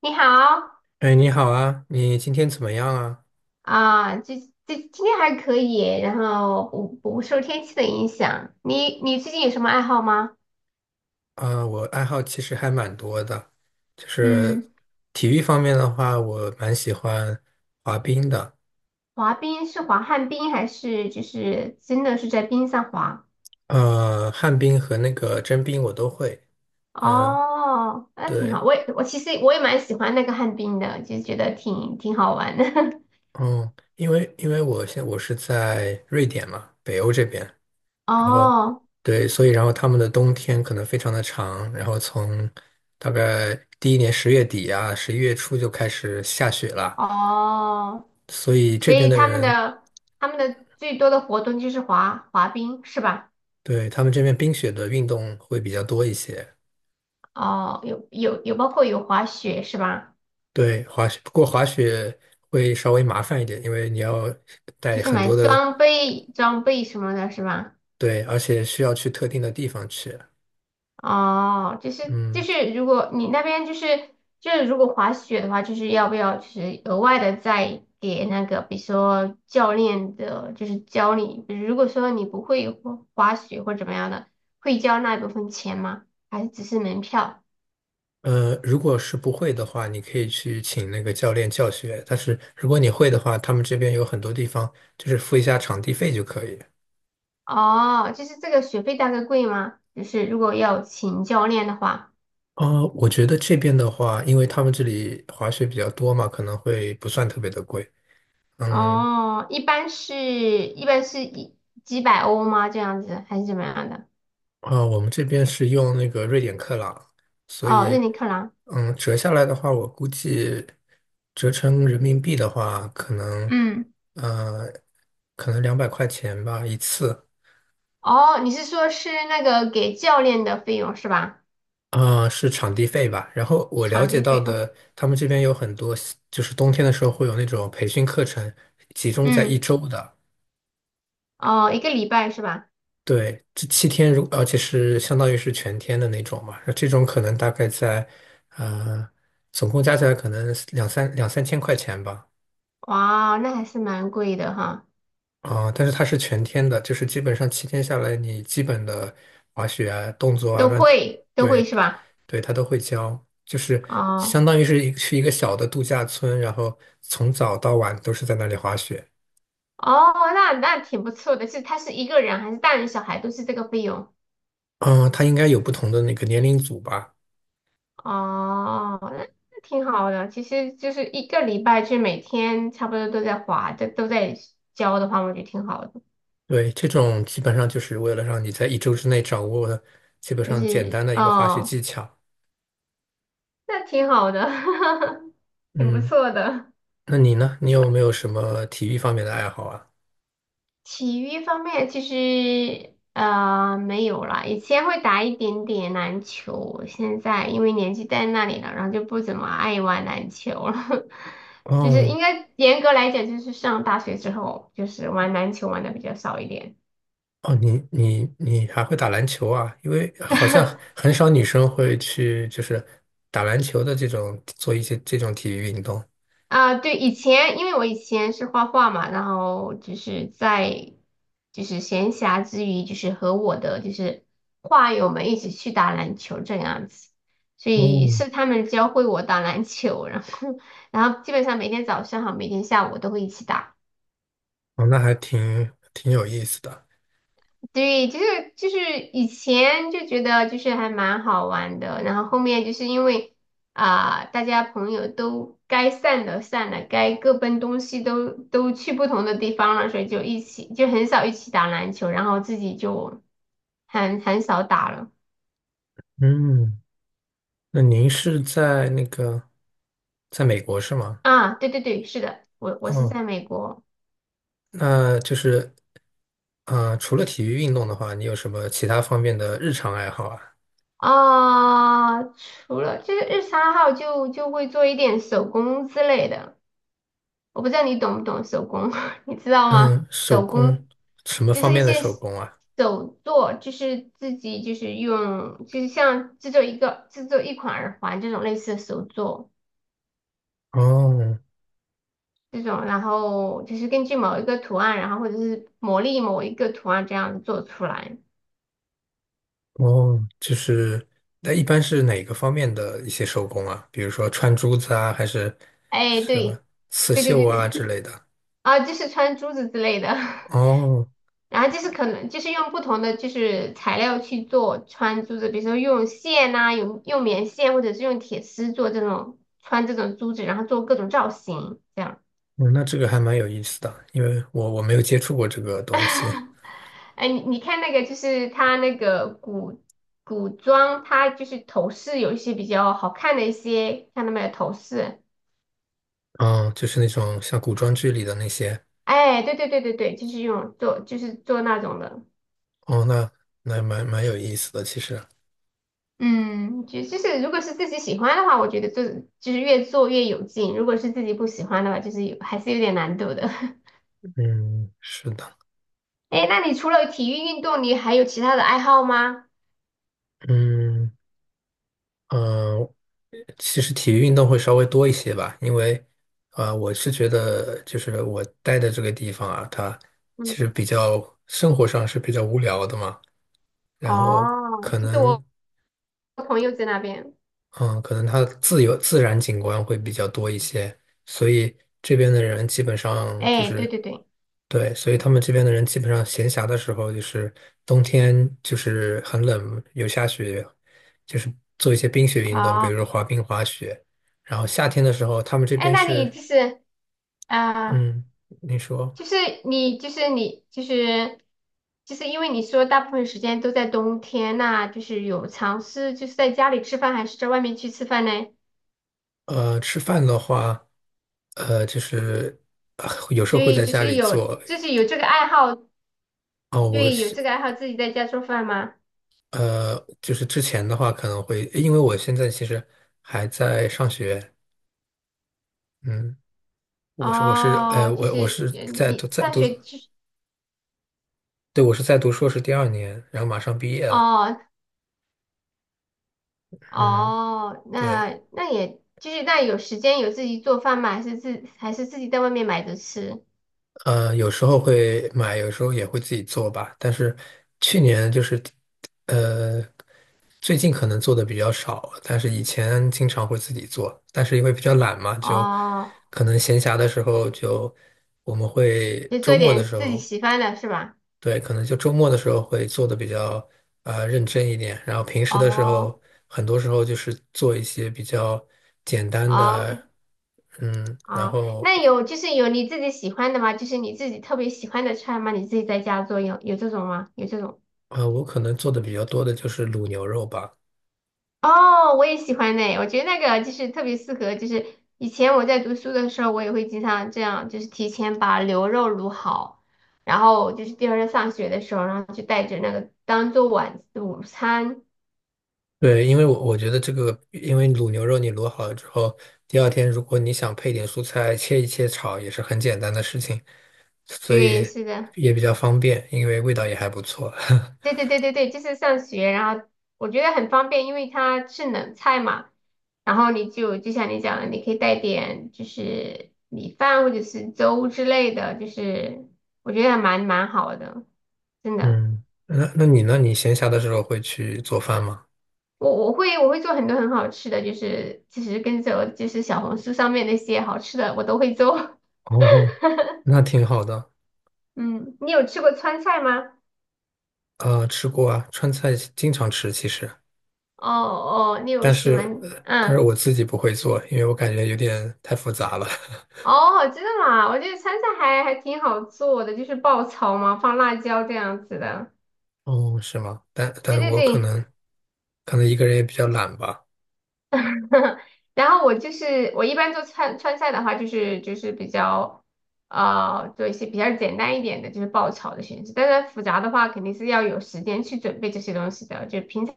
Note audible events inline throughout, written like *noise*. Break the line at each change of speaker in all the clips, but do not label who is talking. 你好。
哎，你好啊，你今天怎么样啊？
啊，这今天还可以，然后不受天气的影响。你最近有什么爱好吗？
啊，我爱好其实还蛮多的，就是
嗯。
体育方面的话，我蛮喜欢滑冰的。
滑冰是滑旱冰还是就是真的是在冰上滑？
旱冰和那个真冰我都会。嗯、
哦，那挺好。
对，
我其实我也蛮喜欢那个旱冰的，就觉得挺好玩的。
嗯，因为我是在瑞典嘛，北欧这边，
*laughs*
然后
哦
对，所以然后他们的冬天可能非常的长，然后从大概第一年10月底啊，11月初就开始下雪了。
哦，
所以这
所
边
以
的
他们
人
的他们的最多的活动就是滑冰是吧？
对，他们这边冰雪的运动会比较多一些。
哦，有包括有滑雪是吧？
对，滑雪，不过滑雪会稍微麻烦一点，因为你要
就
带
是
很
买
多的，
装备什么的，是吧？
对，而且需要去特定的地方去。
哦，就是就
嗯，
是，如果你那边就是如果滑雪的话，就是要不要就是额外的再给那个，比如说教练的，就是教你，比如说你不会滑雪或怎么样的，会交那一部分钱吗？还是只是门票？
如果是不会的话，你可以去请那个教练教学。但是如果你会的话，他们这边有很多地方就是付一下场地费就可以。
哦，就是这个学费大概贵吗？就是如果要请教练的话。
我觉得这边的话，因为他们这里滑雪比较多嘛，可能会不算特别的贵。嗯，
哦，一般是一般是几百欧吗？这样子还是怎么样的？
啊，我们这边是用那个瑞典克朗，所
哦，瑞
以，
你克朗。
嗯，折下来的话，我估计折成人民币的话，
嗯，
呃，可能200块钱吧一次。
哦，你是说是那个给教练的费用是吧？
啊，是场地费吧。然后我了
场
解
地
到
费啊。
的，他们这边有很多，就是冬天的时候会有那种培训课程，集中在一
嗯。
周的。
哦，一个礼拜是吧？
对，这七天，而且是相当于是全天的那种嘛，那这种可能大概在，呃，总共加起来可能两三千块钱吧。
哇，那还是蛮贵的哈。
啊、但是它是全天的，就是基本上七天下来，你基本的滑雪啊、动作啊、
都
乱，
会都
对，
会是吧？
对，它都会教，就是
哦
相当于是一去一个小的度假村，然后从早到晚都是在那里滑雪。
哦，那挺不错的，他是一个人还是大人小孩都是这个费用？
嗯、它应该有不同的那个年龄组吧。
哦，那挺好的，其实就是一个礼拜就每天差不多都在花，都在交的话，我觉得挺好的。
对，这种基本上就是为了让你在一周之内掌握基本
就
上简
是
单的一个滑雪
哦。
技巧。
那挺好的，*laughs* 挺不
嗯，
错的。
那你呢？你有没有什么体育方面的爱好啊？
体育方面其实没有啦，以前会打一点点篮球，现在因为年纪在那里了，然后就不怎么爱玩篮球了。*laughs* 就是
哦
应该严格来讲，就是上大学之后，就是玩篮球玩的比较少一点。
哦，你还会打篮球啊？因为好像
*laughs*
很少女生会去就是打篮球的这种做一些这种体育运动。
啊，对，以前因为我以前是画画嘛，然后就是在就是闲暇之余，就是和我的就是画友们一起去打篮球这样子，所以
哦，
是他们教会我打篮球，然后 *laughs* 然后基本上每天早上和每天下午都会一起打。
哦，那还挺有意思的。
对，就是以前就觉得就是还蛮好玩的，然后后面就是因为大家朋友都该散的散了，该各奔东西都去不同的地方了，所以就一起就很少一起打篮球，然后自己就很少打了。
嗯，那您是在那个在美国是吗？
啊。对对对，是的，我是
哦，
在美国。
那就是。嗯，除了体育运动的话，你有什么其他方面的日常爱好啊？
除了就是日常爱好就会做一点手工之类的。我不知道你懂不懂手工，*laughs* 你知道吗？
嗯，手
手
工，
工
什么
就
方
是一
面的
些
手工啊？
手作，就是自己就是用，就是像制作一款耳环这种类似的手作
哦
这种，然后就是根据某一个图案，然后或者是磨砺某一个图案这样子做出来。
哦，就是，那一般是哪个方面的一些手工啊？比如说穿珠子啊，还是
哎，
什么
对，
刺
对对
绣
对对。
啊之类的？
啊，就是穿珠子之类的。*laughs*
哦，
然后就是可能就是用不同的就是材料去做穿珠子，比如说用线呐、用棉线或者是用铁丝做这种穿这种珠子，然后做各种造型这样。
嗯，那这个还蛮有意思的，因为我没有接触过这个东西。
*laughs* 哎，你看那个就是它那个古装，它就是头饰有一些比较好看的一些，看到没有头饰？
嗯，就是那种像古装剧里的那些。
哎，对对对对对，就是用做就是做那种的。
哦，那蛮有意思的，其实。
嗯，就是如果是自己喜欢的话，我觉得做就是越做越有劲；如果是自己不喜欢的话，就是还是有点难度的。*laughs*
嗯，是的。
哎，那你除了体育运动，你还有其他的爱好吗？
嗯。嗯，其实体育运动会稍微多一些吧，因为我是觉得就是我待的这个地方啊，它其
嗯。
实比较生活上是比较无聊的嘛，然后
哦，
可
就是
能
我朋友在那边。
嗯，可能它的自由自然景观会比较多一些，所以这边的人基本上就
哎，对
是。
对对。
对，所以他们这边的人基本上闲暇的时候，就是冬天就是很冷，有下雪，就是做一些冰雪运动，比
哦。
如说滑冰、滑雪。然后夏天的时候，他们这
哎，
边
那你
是，
就是啊呃，
嗯，你说，
就是你就是因为你说大部分时间都在冬天，那就是有尝试就是在家里吃饭，还是在外面去吃饭呢？
吃饭的话，就是有时
所
候会
以
在家里做。
就是有这个爱好，
哦，我
对，有
是
这个爱好自己在家做饭吗？
呃，就是之前的话可能会，因为我现在其实还在上学。嗯，我是我是呃
哦，就
我我
是
是在读
你
在
上
读
学就是。
对，我是在读硕士第二年，然后马上毕业了。
哦
嗯，
哦，
对，
那也就是那有时间有自己做饭吗？还是还是自己在外面买着吃？
有时候会买，有时候也会自己做吧。但是去年就是，呃，最近可能做的比较少，但是以前经常会自己做。但是因为比较懒嘛，就
哦，
可能闲暇的时候就我们会
就
周
做
末的
点
时
自己
候。
喜欢的是吧？
对，可能就周末的时候会做的比较认真一点，然后平时的时候，
哦
很多时候就是做一些比较简单的。
哦
嗯，然
哦，
后
就是有你自己喜欢的吗？就是你自己特别喜欢的菜吗？你自己在家做有这种吗？有这种？
我可能做的比较多的就是卤牛肉吧。
哦，我也喜欢呢，我觉得那个就是特别适合，就是以前我在读书的时候，我也会经常这样，就是提前把牛肉卤好，然后就是第二天上学的时候，然后就带着那个当做晚午餐。
对，因为我觉得这个，因为卤牛肉你卤好了之后，第二天如果你想配点蔬菜，切一切炒也是很简单的事情，所
对，
以
是的，
也比较方便，因为味道也还不错。*laughs*
对对对对对，就是上学，然后我觉得很方便，因为它是冷菜嘛，然后你就像你讲的，你可以带点就是米饭或者是粥之类的，就是我觉得还蛮好的，真的。
嗯，那你呢？你闲暇的时候会去做饭吗？
我会做很多很好吃的，就是其实跟着我就是小红书上面那些好吃的我都会做。
哦，那挺好的。
*laughs* 嗯，你有吃过川菜吗？
啊，吃过啊，川菜经常吃其实，
哦哦，你有
但
喜
是
欢
呃但是
嗯。
我自己不会做，因为我感觉有点太复杂了。*laughs*
哦，真的吗？我觉得川菜还挺好做的，就是爆炒嘛，放辣椒这样子的。
哦，是吗？但但
对
是
对
我可
对。
能可能一个人也比较懒吧。
*laughs* 然后我就是我一般做川菜的话，就是比较做一些比较简单一点的，就是爆炒的形式。但是复杂的话，肯定是要有时间去准备这些东西的，就平常。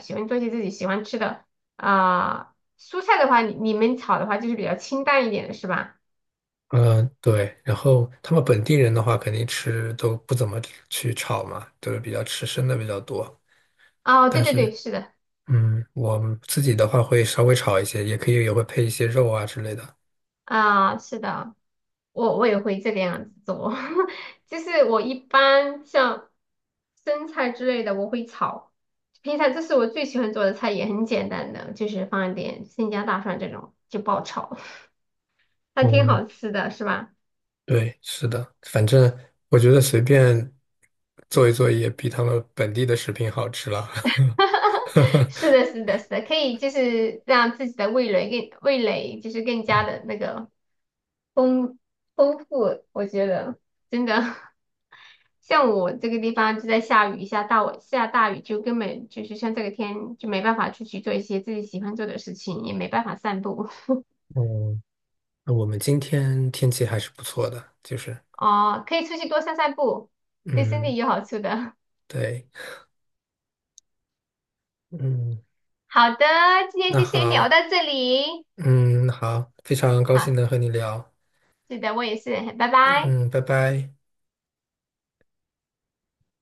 喜欢做一些自己喜欢吃的蔬菜的话，你们炒的话就是比较清淡一点的是吧？
嗯、对。然后他们本地人的话，肯定吃都不怎么去炒嘛，都是比较吃生的比较多。
哦，对
但
对对，
是，
是的，
我们自己的话会稍微炒一些，也可以也会配一些肉啊之类的。
是的，我也会这个样子做，*laughs* 就是我一般像生菜之类的我会炒，平常这是我最喜欢做的菜，也很简单的，就是放一点生姜、大蒜这种就爆炒，*laughs* 还挺
哦
好吃的，是吧？
对，是的，反正我觉得随便做一做也比他们本地的食品好吃了。
*laughs* 是
*laughs*
的，是的，是的，可以就是让自己的味蕾就是更加的那个丰丰富，我觉得真的。*laughs* 像我这个地方就在下雨，下大雨就根本就是像这个天就没办法出去做一些自己喜欢做的事情，也没办法散步。
嗯，那我们今天天气还是不错的，就是，
*laughs* 哦，可以出去多散散步，对身
嗯，
体有好处的。*laughs*
对，嗯，
好的，今天
那
就先聊
好，
到这里。
嗯，好，非常高兴
好，
能和你聊，
是的，我也是，拜拜。
嗯，拜拜。